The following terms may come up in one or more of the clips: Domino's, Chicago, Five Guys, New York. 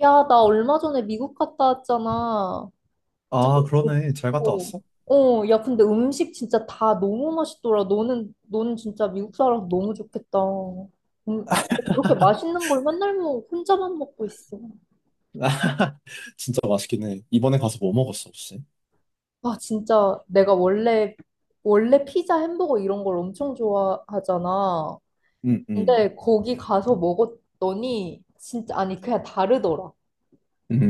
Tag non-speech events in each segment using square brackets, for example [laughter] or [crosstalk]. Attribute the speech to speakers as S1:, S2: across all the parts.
S1: 야, 나 얼마 전에 미국 갔다 왔잖아. 진짜,
S2: 아,
S1: 어,
S2: 그러네. 잘 갔다 왔어?
S1: 야, 근데 음식 진짜 다 너무 맛있더라. 너는 진짜 미국 살아서 너무 좋겠다. 진짜 그렇게 맛있는 걸 맨날 혼자만 먹고 있어.
S2: [laughs] 진짜 맛있긴 해. 이번에 가서 뭐 먹었어, 혹시?
S1: 아, 진짜 내가 원래 피자, 햄버거 이런 걸 엄청 좋아하잖아.
S2: 음, 음.
S1: 근데 거기 가서 먹었더니, 진짜, 아니, 그냥 다르더라.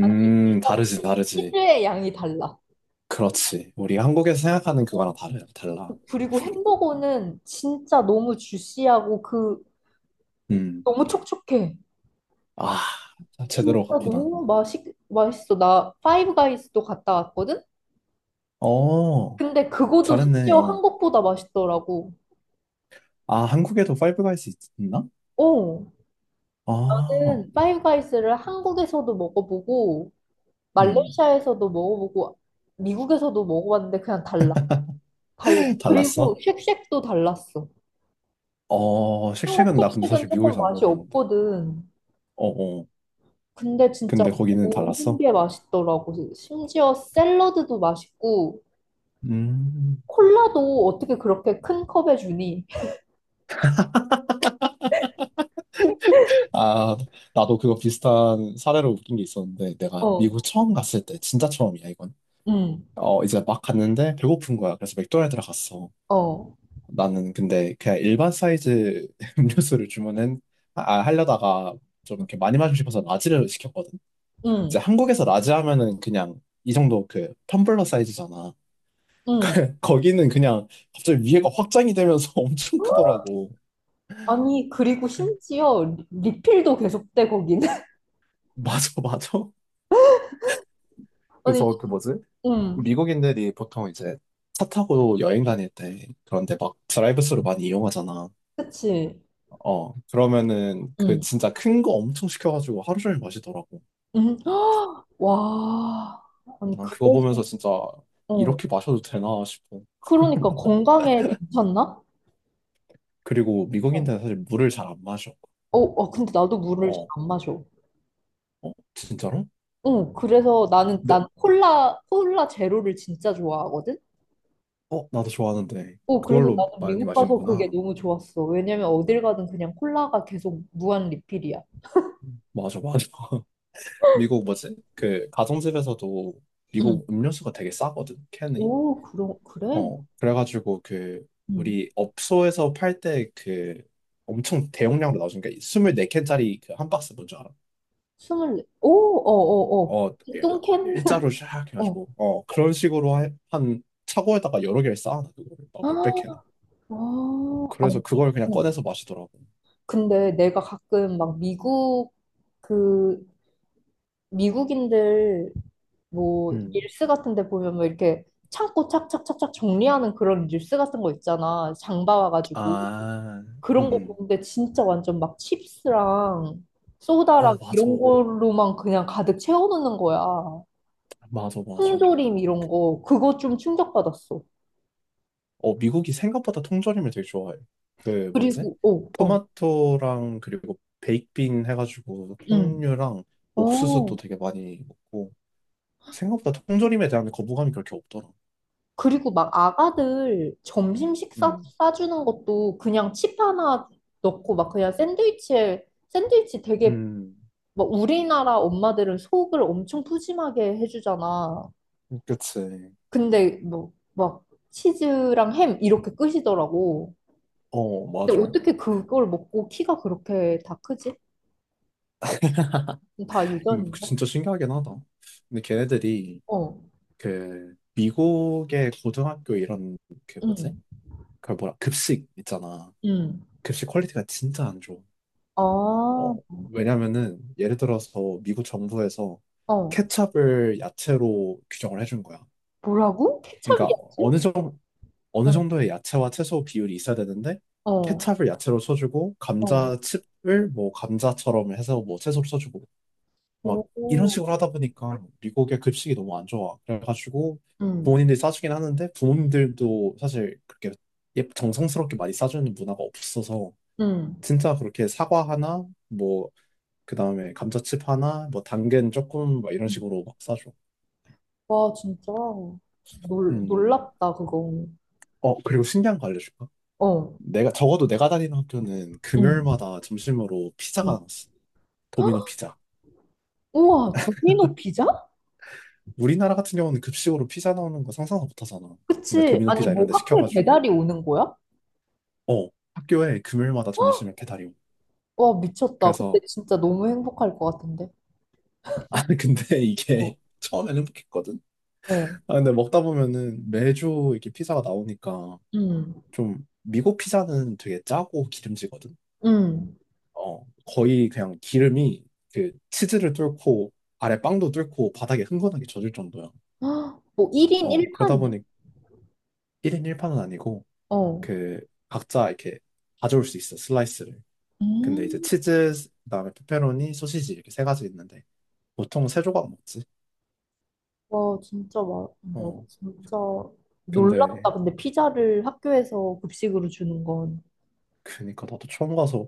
S1: 아니, 일단
S2: 다르지, 다르지.
S1: 치즈의 양이 달라.
S2: 그렇지. 우리 한국에서 생각하는 그거랑 다르, 달라.
S1: 그리고 햄버거는 진짜 너무 주시하고
S2: 음.
S1: 너무 촉촉해.
S2: 아,
S1: 진짜
S2: 제대로 갔구나.
S1: 너무 맛있어. 나 파이브 가이즈도 갔다 왔거든.
S2: 어,
S1: 근데 그거도
S2: 잘했네,
S1: 심지어
S2: 어.
S1: 한국보다 맛있더라고.
S2: 아, 한국에도 파이브 가이스 있나?
S1: 어.
S2: 아,
S1: 나는 파이브 가이즈를 한국에서도 먹어보고
S2: 음.
S1: 말레이시아에서도 먹어보고 미국에서도 먹어봤는데 그냥 달라. 달라.
S2: [laughs]
S1: 그리고
S2: 달랐어?
S1: 쉑쉑도 달랐어.
S2: 어,
S1: 한국
S2: 쉑쉑은 나 근데
S1: 쉑쉑은
S2: 사실
S1: 조금
S2: 미국에서 안
S1: 맛이
S2: 먹어봤는데.
S1: 없거든.
S2: 어, 어.
S1: 근데 진짜
S2: 근데 거기는
S1: 모든
S2: 달랐어?
S1: 게 맛있더라고. 심지어 샐러드도 맛있고,
S2: 음.
S1: 콜라도 어떻게 그렇게 큰 컵에 주니?
S2: 아, 나도 그거 비슷한 사례로 웃긴 게 있었는데, 내가
S1: 어,
S2: 미국 처음 갔을 때, 진짜 처음이야, 이건.
S1: 응,
S2: 어, 이제 막 갔는데 배고픈 거야. 그래서 맥도날드를 갔어.
S1: 어,
S2: 나는 근데 그냥 일반 사이즈 [laughs] 음료수를 주문은, 하려다가 좀 이렇게 많이 마시고 싶어서 라지를 시켰거든. 이제
S1: 응,
S2: 한국에서 라지 하면은 그냥 이 정도 그 텀블러 사이즈잖아.
S1: 응.
S2: [laughs] 거기는 그냥 갑자기 위에가 확장이 되면서 [laughs] 엄청 크더라고.
S1: 아니, 그리고 심지어 리필도 계속돼, 거기는. [laughs]
S2: 맞아, 맞아.
S1: 아니,
S2: 그래서 그 뭐지?
S1: 응,
S2: 미국인들이 보통 이제 차 타고 여행 다닐 때 그런데 막 드라이브스루 많이 이용하잖아.
S1: 그치.
S2: 어, 그러면은 그
S1: 응,
S2: 진짜 큰 거 엄청 시켜가지고 하루 종일 마시더라고.
S1: 응. [gasps] 와, 아니,
S2: 난 그거
S1: 그래서,
S2: 보면서 진짜
S1: 어.
S2: 이렇게 마셔도 되나 싶어.
S1: 그러니까 건강에 괜찮나?
S2: 그리고
S1: 어,
S2: 미국인들은 사실 물을 잘 안 마셔.
S1: 어, 어, 근데 나도 물을 잘
S2: 어,
S1: 안 마셔.
S2: 어, 진짜로?
S1: 응, 그래서 나는,
S2: 네,
S1: 난 콜라 제로를 진짜 좋아하거든?
S2: 어, 나도 좋아하는데.
S1: 어, 그래서
S2: 그걸로
S1: 나는
S2: 많이
S1: 미국 가서 그게
S2: 마시는구나.
S1: 너무 좋았어. 왜냐면 어딜 가든 그냥 콜라가 계속 무한 리필이야.
S2: 맞아, 맞아. [laughs] 미국 뭐지? 그 가정집에서도
S1: 응.
S2: 미국 음료수가 되게 싸거든, 캔이.
S1: 오, 그래?
S2: 어, 그래가지고 그
S1: 응.
S2: 우리 업소에서 팔 때 그 엄청 대용량으로 나오는 게 24캔짜리 그 한 박스 뭔지 알아?
S1: 스물네. 오, 어, 어, 어.
S2: 어, 예.
S1: 뚱캔?
S2: 일자로
S1: [laughs]
S2: 샥
S1: 어.
S2: 해가지고 그런 식으로 한 차고에다가 여러 개를 쌓아놔 그거를 막 몇백 캔을.
S1: 아, 아.
S2: 어,
S1: 아니,
S2: 그래서 그걸 그냥
S1: 어.
S2: 꺼내서 마시더라고.
S1: 근데 내가 가끔 막 그, 미국인들 뭐
S2: 음,
S1: 릴스 같은 데 보면 뭐 이렇게 창고 착착착착 정리하는 그런 릴스 같은 거 있잖아. 장 봐와가지고.
S2: 아, 음,
S1: 그런 거
S2: 음.
S1: 보는데 진짜 완전 막 칩스랑 소다랑
S2: 어, 맞아,
S1: 이런 걸로만 그냥 가득 채워놓는 거야.
S2: 맞아, 맞아.
S1: 통조림 이런 거. 그거 좀 충격받았어.
S2: 어, 미국이 생각보다 통조림을 되게 좋아해요. 그 뭐지?
S1: 그리고, 어, 어,
S2: 토마토랑 그리고 베이크빈 해가지고
S1: 응.
S2: 콩류랑 옥수수도
S1: 어.
S2: 되게 많이 먹고 생각보다 통조림에 대한 거부감이 그렇게 없더라.
S1: 그리고 막 아가들 점심 식사
S2: 음,
S1: 싸주는 것도 그냥 칩 하나 넣고 막 그냥 샌드위치 되게
S2: 음,
S1: 뭐 우리나라 엄마들은 속을 엄청 푸짐하게 해주잖아.
S2: 그치.
S1: 근데 뭐 막 치즈랑 햄 이렇게 끝이더라고.
S2: 어,
S1: 근데
S2: 맞아.
S1: 어떻게 그걸 먹고 키가 그렇게 다 크지? 다
S2: 근데 그
S1: 유전인가?
S2: 진짜 신기하긴 하다. 근데 걔네들이
S1: 어,
S2: 그 미국의 고등학교 이런 그 뭐지?
S1: 응,
S2: 그 뭐라 급식 있잖아.
S1: 응.
S2: 급식 퀄리티가 진짜 안 좋아.
S1: 아,
S2: 어,
S1: 어,
S2: 왜냐면은 예를 들어서 미국 정부에서 케첩을 야채로 규정을 해준 거야.
S1: 뭐라고?
S2: 그러니까
S1: 케첩이었지?
S2: 어느 정도 어느
S1: 어,
S2: 정도의 야채와 채소 비율이 있어야 되는데
S1: 어,
S2: 케첩을 야채로 쳐주고
S1: 어.
S2: 감자칩을 뭐 감자처럼 해서 뭐 채소로 쳐주고 막 이런 식으로
S1: 오,
S2: 하다 보니까 미국의 급식이 너무 안 좋아. 그래가지고
S1: 응,
S2: 부모님들이 싸주긴 하는데 부모님들도 사실 그렇게 정성스럽게 많이 싸주는 문화가 없어서
S1: 응.
S2: 진짜 그렇게 사과 하나 뭐 그 다음에 감자칩 하나, 뭐 당근 조금, 막 이런 식으로 막 싸줘.
S1: 와, 진짜
S2: 음.
S1: 놀랍다, 그거.
S2: 어, 그리고 신기한 거 알려줄까?
S1: 어,
S2: 적어도 내가 다니는 학교는
S1: 응,
S2: 금요일마다 점심으로 피자가
S1: 응.
S2: 나왔어. 도미노
S1: [gasps]
S2: 피자.
S1: 우와, 도미노 피자?
S2: 우리나라 같은 경우는 급식으로 피자 나오는 거 상상도 못 하잖아. 그러니까
S1: 그치.
S2: 도미노
S1: 아니,
S2: 피자
S1: 뭐
S2: 이런 데
S1: 학교에 배달이
S2: 시켜가지고,
S1: 오는 거야?
S2: 어, 학교에 금요일마다 점심에 배달이 오.
S1: 와, 미쳤다. 그때
S2: 그래서,
S1: 진짜 너무 행복할 것 같은데.
S2: [laughs] 아, 근데
S1: 어,
S2: 이게 [laughs] 처음엔 행복했거든?
S1: 어,
S2: 아, 근데 먹다 보면은 매주 이렇게 피자가 나오니까
S1: 음,
S2: 좀, 미국 피자는 되게 짜고 기름지거든?
S1: 음.
S2: 어, 거의 그냥 기름이 그 치즈를 뚫고 아래 빵도 뚫고 바닥에 흥건하게 젖을 정도야.
S1: [gasps] 헉, 뭐 1인
S2: 어, 그러다
S1: 1판이?
S2: 보니 1인 1파는 아니고
S1: 어.
S2: 그 각자 이렇게 가져올 수 있어, 슬라이스를. 근데 이제
S1: 음.
S2: 치즈, 그다음에 페페로니, 소시지 이렇게 세 가지 있는데 보통 세 조각 먹지.
S1: 와, 진짜 막, 나
S2: 어,
S1: 진짜
S2: 근데
S1: 놀랍다. 근데 피자를 학교에서 급식으로 주는 건.
S2: 그니까 나도 처음 가서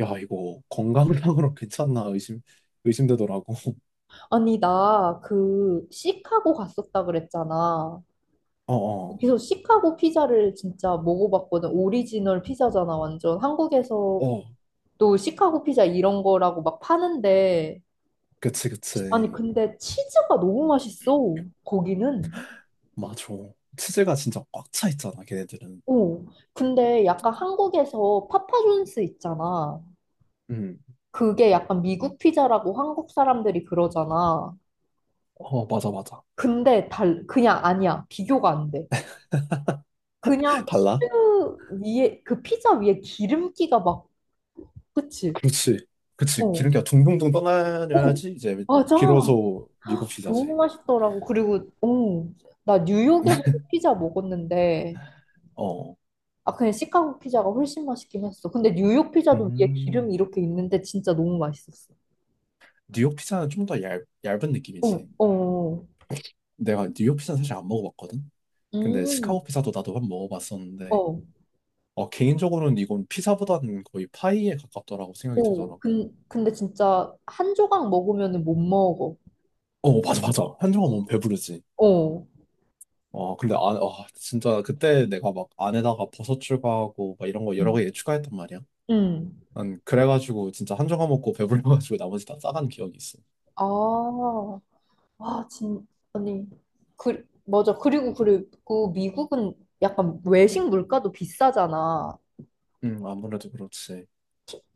S2: 야, 이거 건강상으로 [laughs] 괜찮나 의심되더라고. [laughs]
S1: 아니, 나 그 시카고 갔었다 그랬잖아.
S2: 어, 어.
S1: 그래서 시카고 피자를 진짜 먹어봤거든. 오리지널 피자잖아, 완전. 한국에서
S2: 어,
S1: 또 시카고 피자 이런 거라고 막 파는데
S2: 그치,
S1: 아니
S2: 그치.
S1: 근데 치즈가 너무 맛있어 거기는.
S2: 맞아. 치즈가 진짜 꽉 차 있잖아, 걔네들은.
S1: 오, 근데 약간 한국에서 파파존스 있잖아.
S2: 음,
S1: 그게 약간 미국 피자라고 한국 사람들이 그러잖아.
S2: 어, 맞아, 맞아.
S1: 근데 달 그냥 아니야, 비교가 안 돼. 그냥 치즈
S2: 달라?
S1: 위에 그 피자 위에 기름기가 막 그치.
S2: 그렇지. 그치.
S1: 어,
S2: 기름기가 둥둥둥
S1: 오,
S2: 떠나야지 이제
S1: 맞아.
S2: 비로소 미국
S1: 너무
S2: 피자지.
S1: 맛있더라고. 그리고 오, 나 뉴욕에서도 피자 먹었는데.
S2: 어.
S1: 아, 그냥 시카고 피자가 훨씬 맛있긴 했어. 근데 뉴욕 피자도 위에 기름이
S2: 음,
S1: 이렇게 있는데 진짜 너무 맛있었어.
S2: 뉴욕 피자는 좀 더 얇은
S1: 어,
S2: 느낌이지.
S1: 어,
S2: 내가 뉴욕 피자는 사실 안 먹어봤거든? 근데
S1: 음,
S2: 시카고 피자도 나도 한번 먹어봤었는데,
S1: 어,
S2: 어, 개인적으로는 이건 피자보다는 거의 파이에 가깝더라고 생각이
S1: 오,
S2: 들더라고.
S1: 근데 진짜 한 조각 먹으면 못 먹어.
S2: 어, 맞아, 맞아. 한정아 너무 배부르지.
S1: 어,
S2: 어, 근데 진짜 그때 내가 막 안에다가 버섯 추가하고 막 이런 거 여러
S1: 음,
S2: 가지 추가했단 말이야.
S1: 음.
S2: 난 그래가지고 진짜 한 조각 먹고 배불러가지고 [laughs] 나머지 다 싸간 기억이 있어.
S1: 아, 와, 아니, 맞아. 그리고 미국은 약간 외식 물가도 비싸잖아.
S2: 아무래도 그렇지.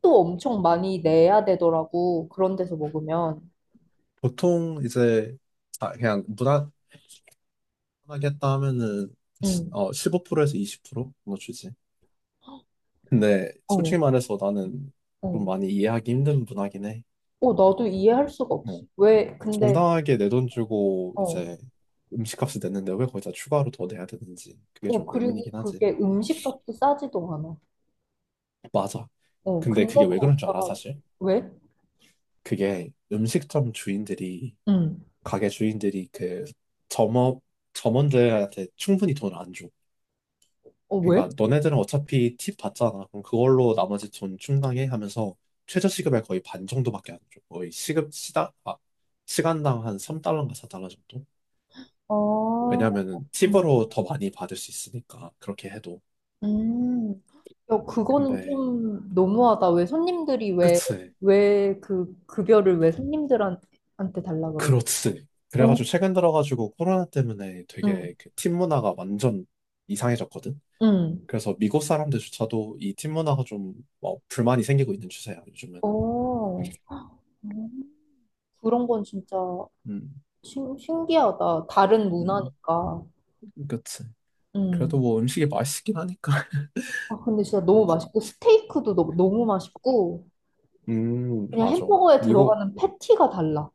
S1: 또 엄청 많이 내야 되더라고. 그런 데서 먹으면.
S2: 보통 이제 그냥 무난하게 했다 하면은
S1: 응,
S2: 15%에서 20% 정도 주지. 근데 솔직히
S1: 어,
S2: 말해서 나는 좀
S1: 어.
S2: 많이 이해하기 힘든 문화긴 해.
S1: 어, 나도 이해할 수가 없어.
S2: 어,
S1: 왜, 근데,
S2: 정당하게 내 돈 주고
S1: 어,
S2: 이제 음식값을 냈는데 왜 거기다 추가로 더 내야 되는지 그게 좀
S1: 그리고
S2: 의문이긴 하지.
S1: 그게 음식값도 싸지도 않아.
S2: 맞아.
S1: 어,
S2: 근데
S1: 근데
S2: 그게 왜 그런 줄 알아
S1: 거기다가,
S2: 사실?
S1: 왜?
S2: 그게 음식점 주인들이
S1: 응.
S2: 가게 주인들이 그 점업 점원들한테 충분히 돈을 안 줘.
S1: 어, 왜?
S2: 그러니까 너네들은 어차피 팁 받잖아. 그럼 그걸로 나머지 돈 충당해 하면서 최저 시급의 거의 반 정도밖에 안 줘. 거의 시급 시당 아 시간당 한 3달러인가 4달러 정도?
S1: 아,
S2: 왜냐면은 팁으로 더 많이 받을 수 있으니까 그렇게 해도.
S1: 음. 야, 그거는
S2: 근데
S1: 좀 너무하다. 왜 손님들이 왜,
S2: 그치.
S1: 왜 그 급여를 왜 손님들한테 한테 달라 그래?
S2: 그렇지.
S1: 어?
S2: 그래가지고 최근 들어가지고 코로나 때문에
S1: 응,
S2: 되게 그 팁 문화가 완전 이상해졌거든.
S1: 응.
S2: 그래서 미국 사람들조차도 이 팀 문화가 좀 불만이 생기고 있는 추세야, 요즘은.
S1: 어, 음. 그런 건 진짜
S2: 음,
S1: 신기하다. 다른
S2: 음,
S1: 문화니까.
S2: 그치.
S1: 음.
S2: 그래도 뭐 음식이 맛있긴 하니까.
S1: 아, 근데 진짜
S2: [laughs]
S1: 너무
S2: 뭐,
S1: 맛있고, 스테이크도 너무, 너무 맛있고, 그냥
S2: 맞아.
S1: 햄버거에
S2: 미국,
S1: 들어가는 패티가 달라.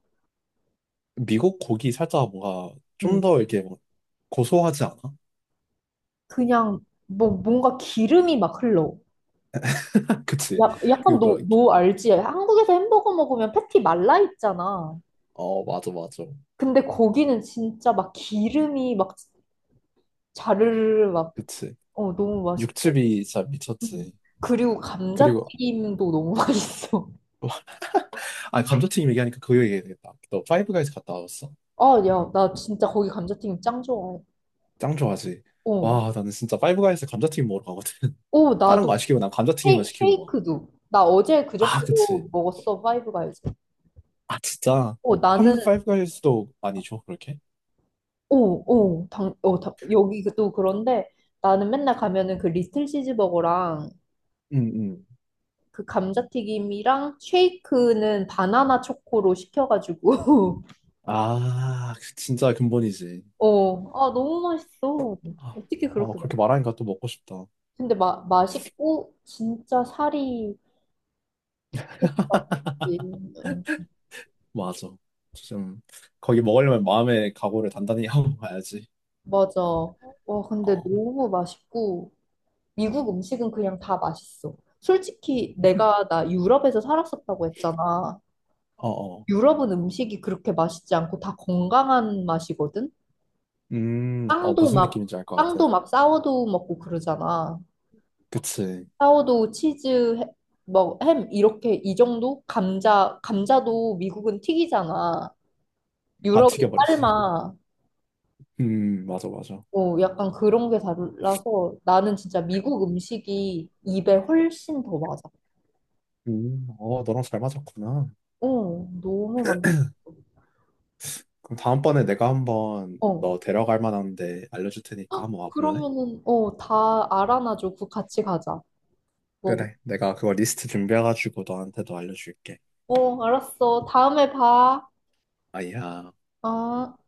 S2: 미국 고기 살짝 뭔가 좀
S1: 응.
S2: 더 이렇게 뭐 고소하지 않아?
S1: 그냥, 뭔가 기름이 막 흘러.
S2: [laughs] 그치.
S1: 야,
S2: 그,
S1: 약간
S2: 뭐,
S1: 너 알지? 한국에서 햄버거 먹으면 패티 말라 있잖아.
S2: 맞아, 맞아.
S1: 근데 거기는 진짜 막 기름이 막 자르르 막,
S2: 그치.
S1: 어, 너무 맛있고.
S2: 육즙이 진짜
S1: 응.
S2: 미쳤지.
S1: 그리고
S2: 그리고,
S1: 감자튀김도 너무 [laughs] 맛있어.
S2: [laughs] 아, 감자튀김 얘기하니까 그거 얘기해야 되겠다. 너 파이브 가이즈 갔다 왔어?
S1: 아, 야, 나 진짜 거기 감자튀김 짱 좋아해.
S2: 짱 좋아하지.
S1: 어.
S2: 와, 나는 진짜 파이브가이즈 감자튀김 먹으러 가거든. [laughs]
S1: 오,
S2: 다른 거
S1: 나도
S2: 안 시키고 난 감자튀김만
S1: 헤이,
S2: 시키고 막.
S1: 쉐이크도. 나 어제
S2: 아, 그치.
S1: 그저께도 먹었어, 파이브가이즈.
S2: 아, 진짜.
S1: 어, 나는,
S2: 한국 파이브가이즈도 많이 줘, 그렇게?
S1: 오, 오, 여기도 그런데 나는 맨날 가면은 그 리틀 치즈버거랑
S2: 응, 응.
S1: 그 감자튀김이랑 쉐이크는 바나나 초코로 시켜가지고, [laughs]
S2: 아, 그 진짜 근본이지.
S1: 어, 아, 너무 맛있어.
S2: 아,
S1: 어떻게
S2: 어,
S1: 그렇게
S2: 그렇게
S1: 먹어?
S2: 말하니까 또 먹고 싶다.
S1: 근데 맛있고, 진짜 살이 없지. 어,
S2: 맞아. 좀, 거기 먹으려면 마음의 각오를 단단히 [laughs] 하고 가야지.
S1: 맞아. 와, 근데
S2: 어,
S1: 너무 맛있고, 미국 음식은 그냥 다 맛있어. 솔직히 내가 나 유럽에서 살았었다고 했잖아.
S2: 어, 어.
S1: 유럽은 음식이 그렇게 맛있지 않고 다 건강한 맛이거든.
S2: 어,
S1: 빵도
S2: 무슨
S1: 막
S2: 느낌인지 알 것 같아.
S1: 빵도 막 사워도우 먹고 그러잖아.
S2: 그치.
S1: 사워도우 치즈 뭐 햄 이렇게 이 정도? 감자도 미국은 튀기잖아.
S2: 다
S1: 유럽은
S2: 튀겨버리지.
S1: 삶아.
S2: 맞아, 맞아.
S1: 어, 약간 그런 게 달라서 나는 진짜 미국 음식이 입에 훨씬 더 맞아.
S2: 어, 너랑 잘 맞았구나.
S1: 어, 너무
S2: 그럼 다음번에 내가 한번
S1: 맛있어.
S2: 너 데려갈 만한데 알려줄 테니까 한번 와볼래?
S1: 그러면은, 다 알아놔줘. 그 같이 가자. 뭐,
S2: 그래, 내가 그거 리스트 준비해가지고 너한테도 알려줄게.
S1: 알았어. 다음에 봐.
S2: 아야.
S1: 어.